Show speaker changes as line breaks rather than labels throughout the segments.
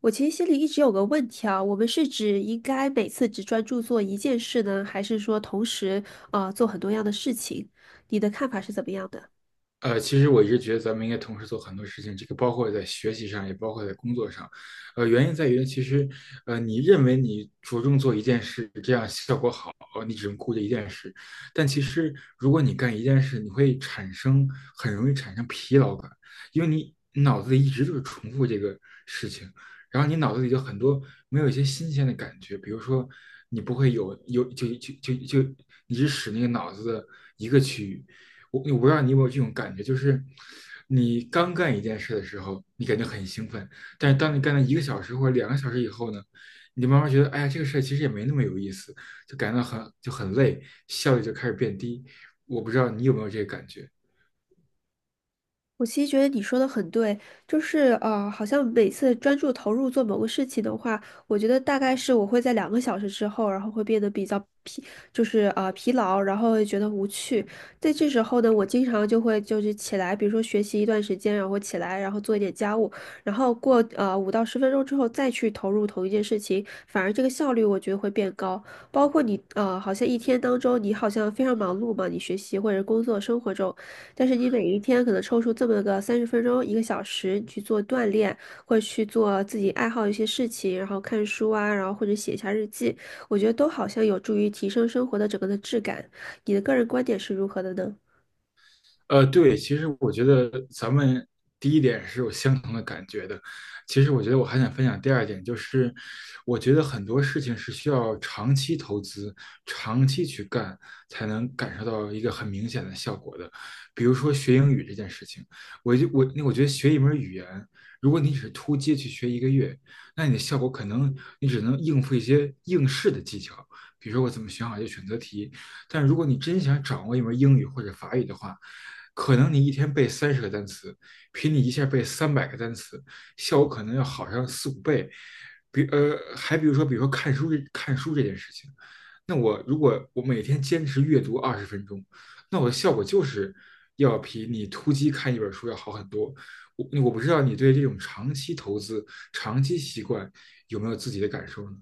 我其实心里一直有个问题啊，我们是指应该每次只专注做一件事呢，还是说同时啊做很多样的事情？你的看法是怎么样的？
其实我一直觉得咱们应该同时做很多事情，这个包括在学习上，也包括在工作上。原因在于，其实，你认为你着重做一件事，这样效果好，你只能顾着一件事。但其实，如果你干一件事，你会产生很容易产生疲劳感，因为你脑子里一直就是重复这个事情，然后你脑子里就很多没有一些新鲜的感觉，比如说，你不会有有就就就就你只使那个脑子的一个区域。我不知道你有没有这种感觉，就是你刚干一件事的时候，你感觉很兴奋，但是当你干了一个小时或者两个小时以后呢，你慢慢觉得，哎呀，这个事儿其实也没那么有意思，就感到很累，效率就开始变低。我不知道你有没有这个感觉。
我其实觉得你说的很对，就是好像每次专注投入做某个事情的话，我觉得大概是我会在2个小时之后，然后会变得比较疲，就是疲劳，然后会觉得无趣。在这时候呢，我经常就会就是起来，比如说学习一段时间，然后起来，然后做一点家务，然后过5到10分钟之后再去投入同一件事情，反而这个效率我觉得会变高。包括你好像一天当中你好像非常忙碌嘛，你学习或者工作生活中。但是你每一天可能抽出这么个30分钟、1个小时去做锻炼，或者去做自己爱好的一些事情，然后看书啊，然后或者写一下日记，我觉得都好像有助于提升生活的整个的质感。你的个人观点是如何的呢？
对，其实我觉得咱们第一点是有相同的感觉的。其实我觉得我还想分享第二点，就是我觉得很多事情是需要长期投资、长期去干，才能感受到一个很明显的效果的。比如说学英语这件事情，我就我那我觉得学一门语言，如果你只是突击去学一个月，那你的效果可能你只能应付一些应试的技巧，比如说我怎么选好一个选择题，但如果你真想掌握一门英语或者法语的话，可能你一天背30个单词，比你一下背300个单词，效果可能要好上四五倍。还比如说看书这件事情，那我如果我每天坚持阅读20分钟，那我的效果就是要比你突击看一本书要好很多。我不知道你对这种长期投资、长期习惯有没有自己的感受呢？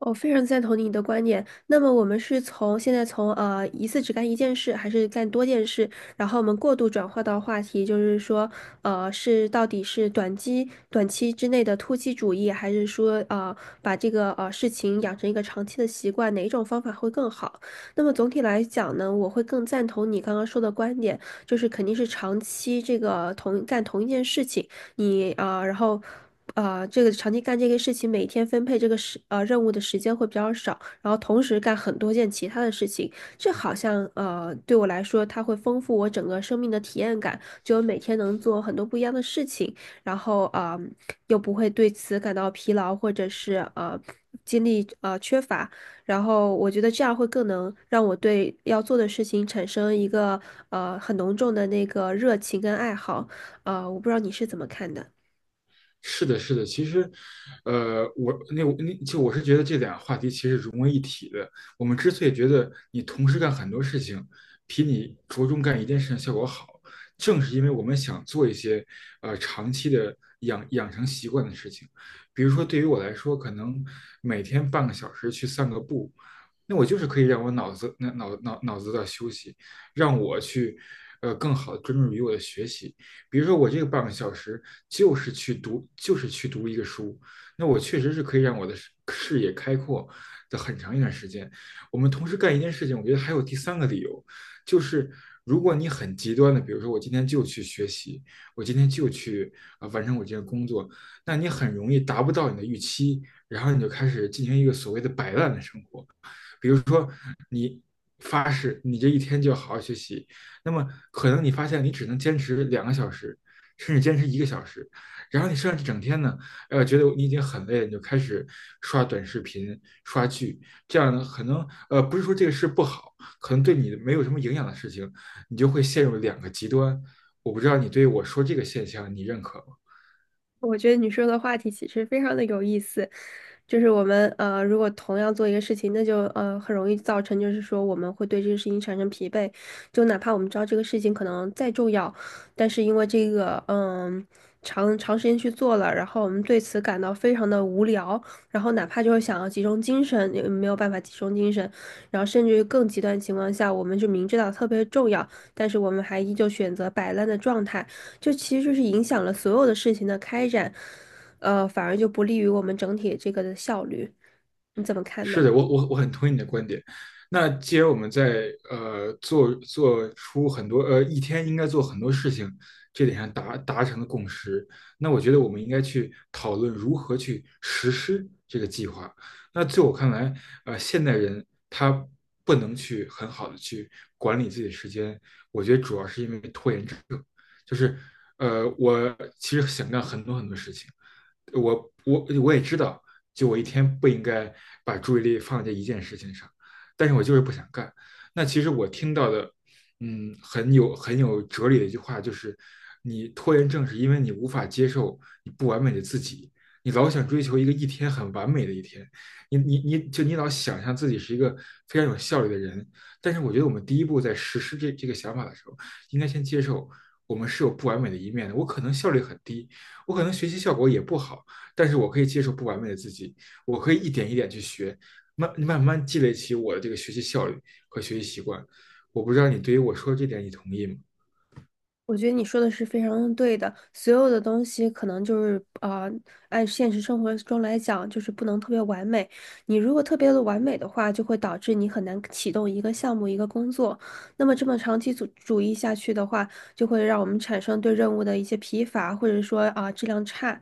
我非常赞同你的观点。那么我们是从现在从一次只干一件事，还是干多件事？然后我们过度转化到话题，就是说，是到底是短期之内的突击主义，还是说把这个事情养成一个长期的习惯，哪一种方法会更好？那么总体来讲呢，我会更赞同你刚刚说的观点，就是肯定是长期这个同一件事情。你啊、然后啊，这个长期干这个事情，每天分配这个任务的时间会比较少，然后同时干很多件其他的事情，这好像对我来说，它会丰富我整个生命的体验感，就每天能做很多不一样的事情，然后啊、又不会对此感到疲劳或者是精力缺乏。然后我觉得这样会更能让我对要做的事情产生一个很浓重的那个热情跟爱好，啊，我不知道你是怎么看的。
是的，是的，其实，我那我那就我是觉得这两个话题其实融为一体的。我们之所以觉得你同时干很多事情，比你着重干一件事情效果好，正是因为我们想做一些长期的养成习惯的事情。比如说，对于我来说，可能每天半个小时去散个步，那我就是可以让我脑子、那脑脑脑子的休息，让我去，更好的专注于我的学习。比如说，我这个半个小时就是去读一个书，那我确实是可以让我的视野开阔的很长一段时间。我们同时干一件事情，我觉得还有第三个理由，就是如果你很极端的，比如说我今天就去学习，我今天就去完成我这个工作，那你很容易达不到你的预期，然后你就开始进行一个所谓的摆烂的生活。比如说你发誓你这一天就好好学习，那么可能你发现你只能坚持两个小时，甚至坚持一个小时，然后你剩下这整天呢，觉得你已经很累了，你就开始刷短视频、刷剧，这样呢，可能不是说这个事不好，可能对你没有什么营养的事情，你就会陷入两个极端。我不知道你对我说这个现象你认可吗？
我觉得你说的话题其实非常的有意思，就是我们如果同样做一个事情，那就很容易造成，就是说我们会对这个事情产生疲惫。就哪怕我们知道这个事情可能再重要，但是因为这个长长时间去做了，然后我们对此感到非常的无聊，然后哪怕就是想要集中精神，也没有办法集中精神，然后甚至于更极端的情况下，我们就明知道特别重要，但是我们还依旧选择摆烂的状态，就其实就是影响了所有的事情的开展。反而就不利于我们整体这个的效率。你怎么看
是
呢？
的，我很同意你的观点。那既然我们在呃做做出很多呃一天应该做很多事情这点上达成了共识，那我觉得我们应该去讨论如何去实施这个计划。那在我看来，现代人他不能去很好的去管理自己的时间，我觉得主要是因为拖延症，就是我其实想干很多很多事情。我也知道，就我一天不应该把注意力放在一件事情上，但是我就是不想干。那其实我听到的，嗯，很有哲理的一句话就是，你拖延症是因为你无法接受你不完美的自己，你老想追求一个一天很完美的一天，你老想象自己是一个非常有效率的人，但是我觉得我们第一步在实施这个想法的时候，应该先接受我们是有不完美的一面的，我可能效率很低，我可能学习效果也不好，但是我可以接受不完美的自己，我可以一点一点去学，慢慢积累起我的这个学习效率和学习习惯。我不知道你对于我说这点你同意吗？
我觉得你说的是非常对的，所有的东西可能就是啊，按现实生活中来讲，就是不能特别完美。你如果特别的完美的话，就会导致你很难启动一个项目、一个工作。那么这么长期主义下去的话，就会让我们产生对任务的一些疲乏，或者说啊、质量差。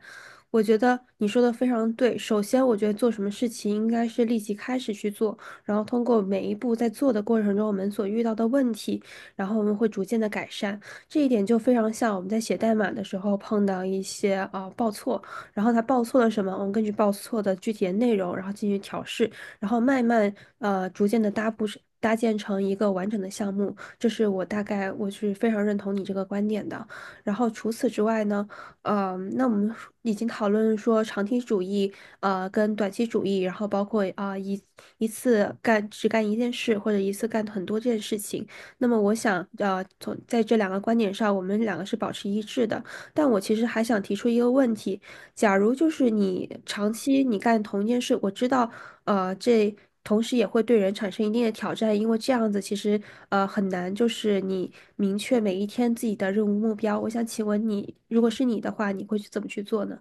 我觉得你说的非常对。首先，我觉得做什么事情应该是立即开始去做，然后通过每一步在做的过程中，我们所遇到的问题，然后我们会逐渐的改善。这一点就非常像我们在写代码的时候碰到一些啊、报错，然后它报错了什么，我们根据报错的具体的内容，然后进行调试，然后慢慢逐渐的搭建成一个完整的项目。这是我大概我是非常认同你这个观点的。然后除此之外呢，那我们已经讨论说长期主义跟短期主义，然后包括啊、一次只干一件事或者一次干很多件事情。那么我想，在这两个观点上，我们两个是保持一致的。但我其实还想提出一个问题：假如就是你长期你干同一件事，我知道，这同时也会对人产生一定的挑战，因为这样子其实很难，就是你明确每一天自己的任务目标。我想请问你，如果是你的话，你会去怎么去做呢？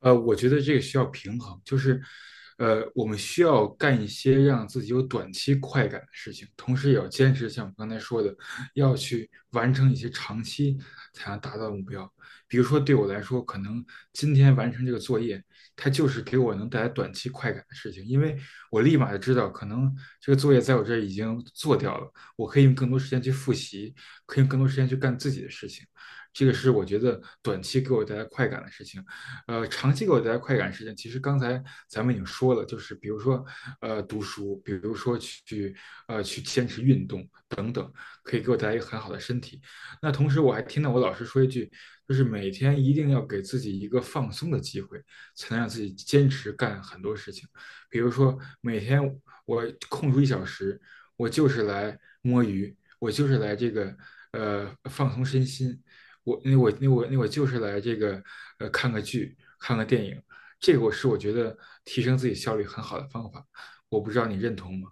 我觉得这个需要平衡，就是，我们需要干一些让自己有短期快感的事情，同时也要坚持像我刚才说的，要去完成一些长期才能达到的目标。比如说，对我来说，可能今天完成这个作业，它就是给我能带来短期快感的事情，因为我立马就知道，可能这个作业在我这儿已经做掉了，我可以用更多时间去复习，可以用更多时间去干自己的事情。这个是我觉得短期给我带来快感的事情。长期给我带来快感事情，其实刚才咱们已经说了，就是比如说读书，比如说去去坚持运动，可以给我带来一个很好的身体。那同时我还听到我老师说一句，就是每天一定要给自己一个放松的机会，才能让自己坚持干很多事情。比如说每天我空出一小时，我就是来摸鱼，我就是来这个放松身心，我就是来这个看个剧，看个电影。这个我觉得提升自己效率很好的方法，我不知道你认同吗？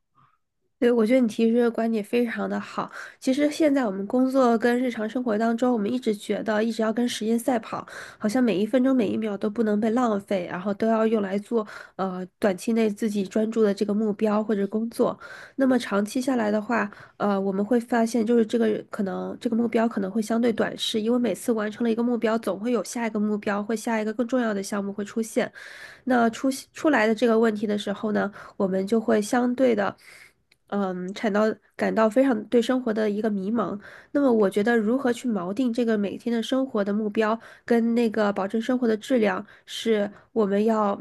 对，我觉得你提出的观点非常的好。其实现在我们工作跟日常生活当中，我们一直觉得一直要跟时间赛跑，好像每一分钟每一秒都不能被浪费，然后都要用来做短期内自己专注的这个目标或者工作。那么长期下来的话，我们会发现就是这个可能这个目标可能会相对短视，因为每次完成了一个目标，总会有下一个目标或下一个更重要的项目会出现。那出来的这个问题的时候呢，我们就会相对的。嗯，感到感到非常对生活的一个迷茫。那么，我觉得如何去锚定这个每天的生活的目标，跟那个保证生活的质量，是我们要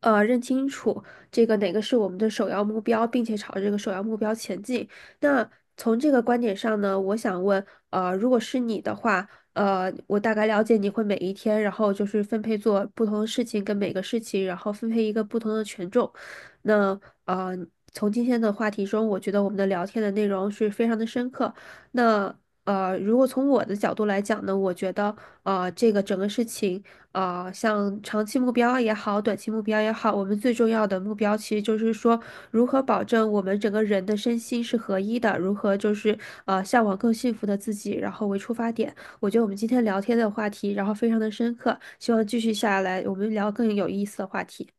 认清楚这个哪个是我们的首要目标，并且朝着这个首要目标前进。那从这个观点上呢，我想问，如果是你的话，我大概了解你会每一天，然后就是分配做不同的事情，跟每个事情，然后分配一个不同的权重。那呃，从今天的话题中，我觉得我们的聊天的内容是非常的深刻。那如果从我的角度来讲呢，我觉得这个整个事情，像长期目标也好，短期目标也好，我们最重要的目标其实就是说，如何保证我们整个人的身心是合一的，如何就是向往更幸福的自己，然后为出发点。我觉得我们今天聊天的话题，然后非常的深刻，希望继续下来我们聊更有意思的话题。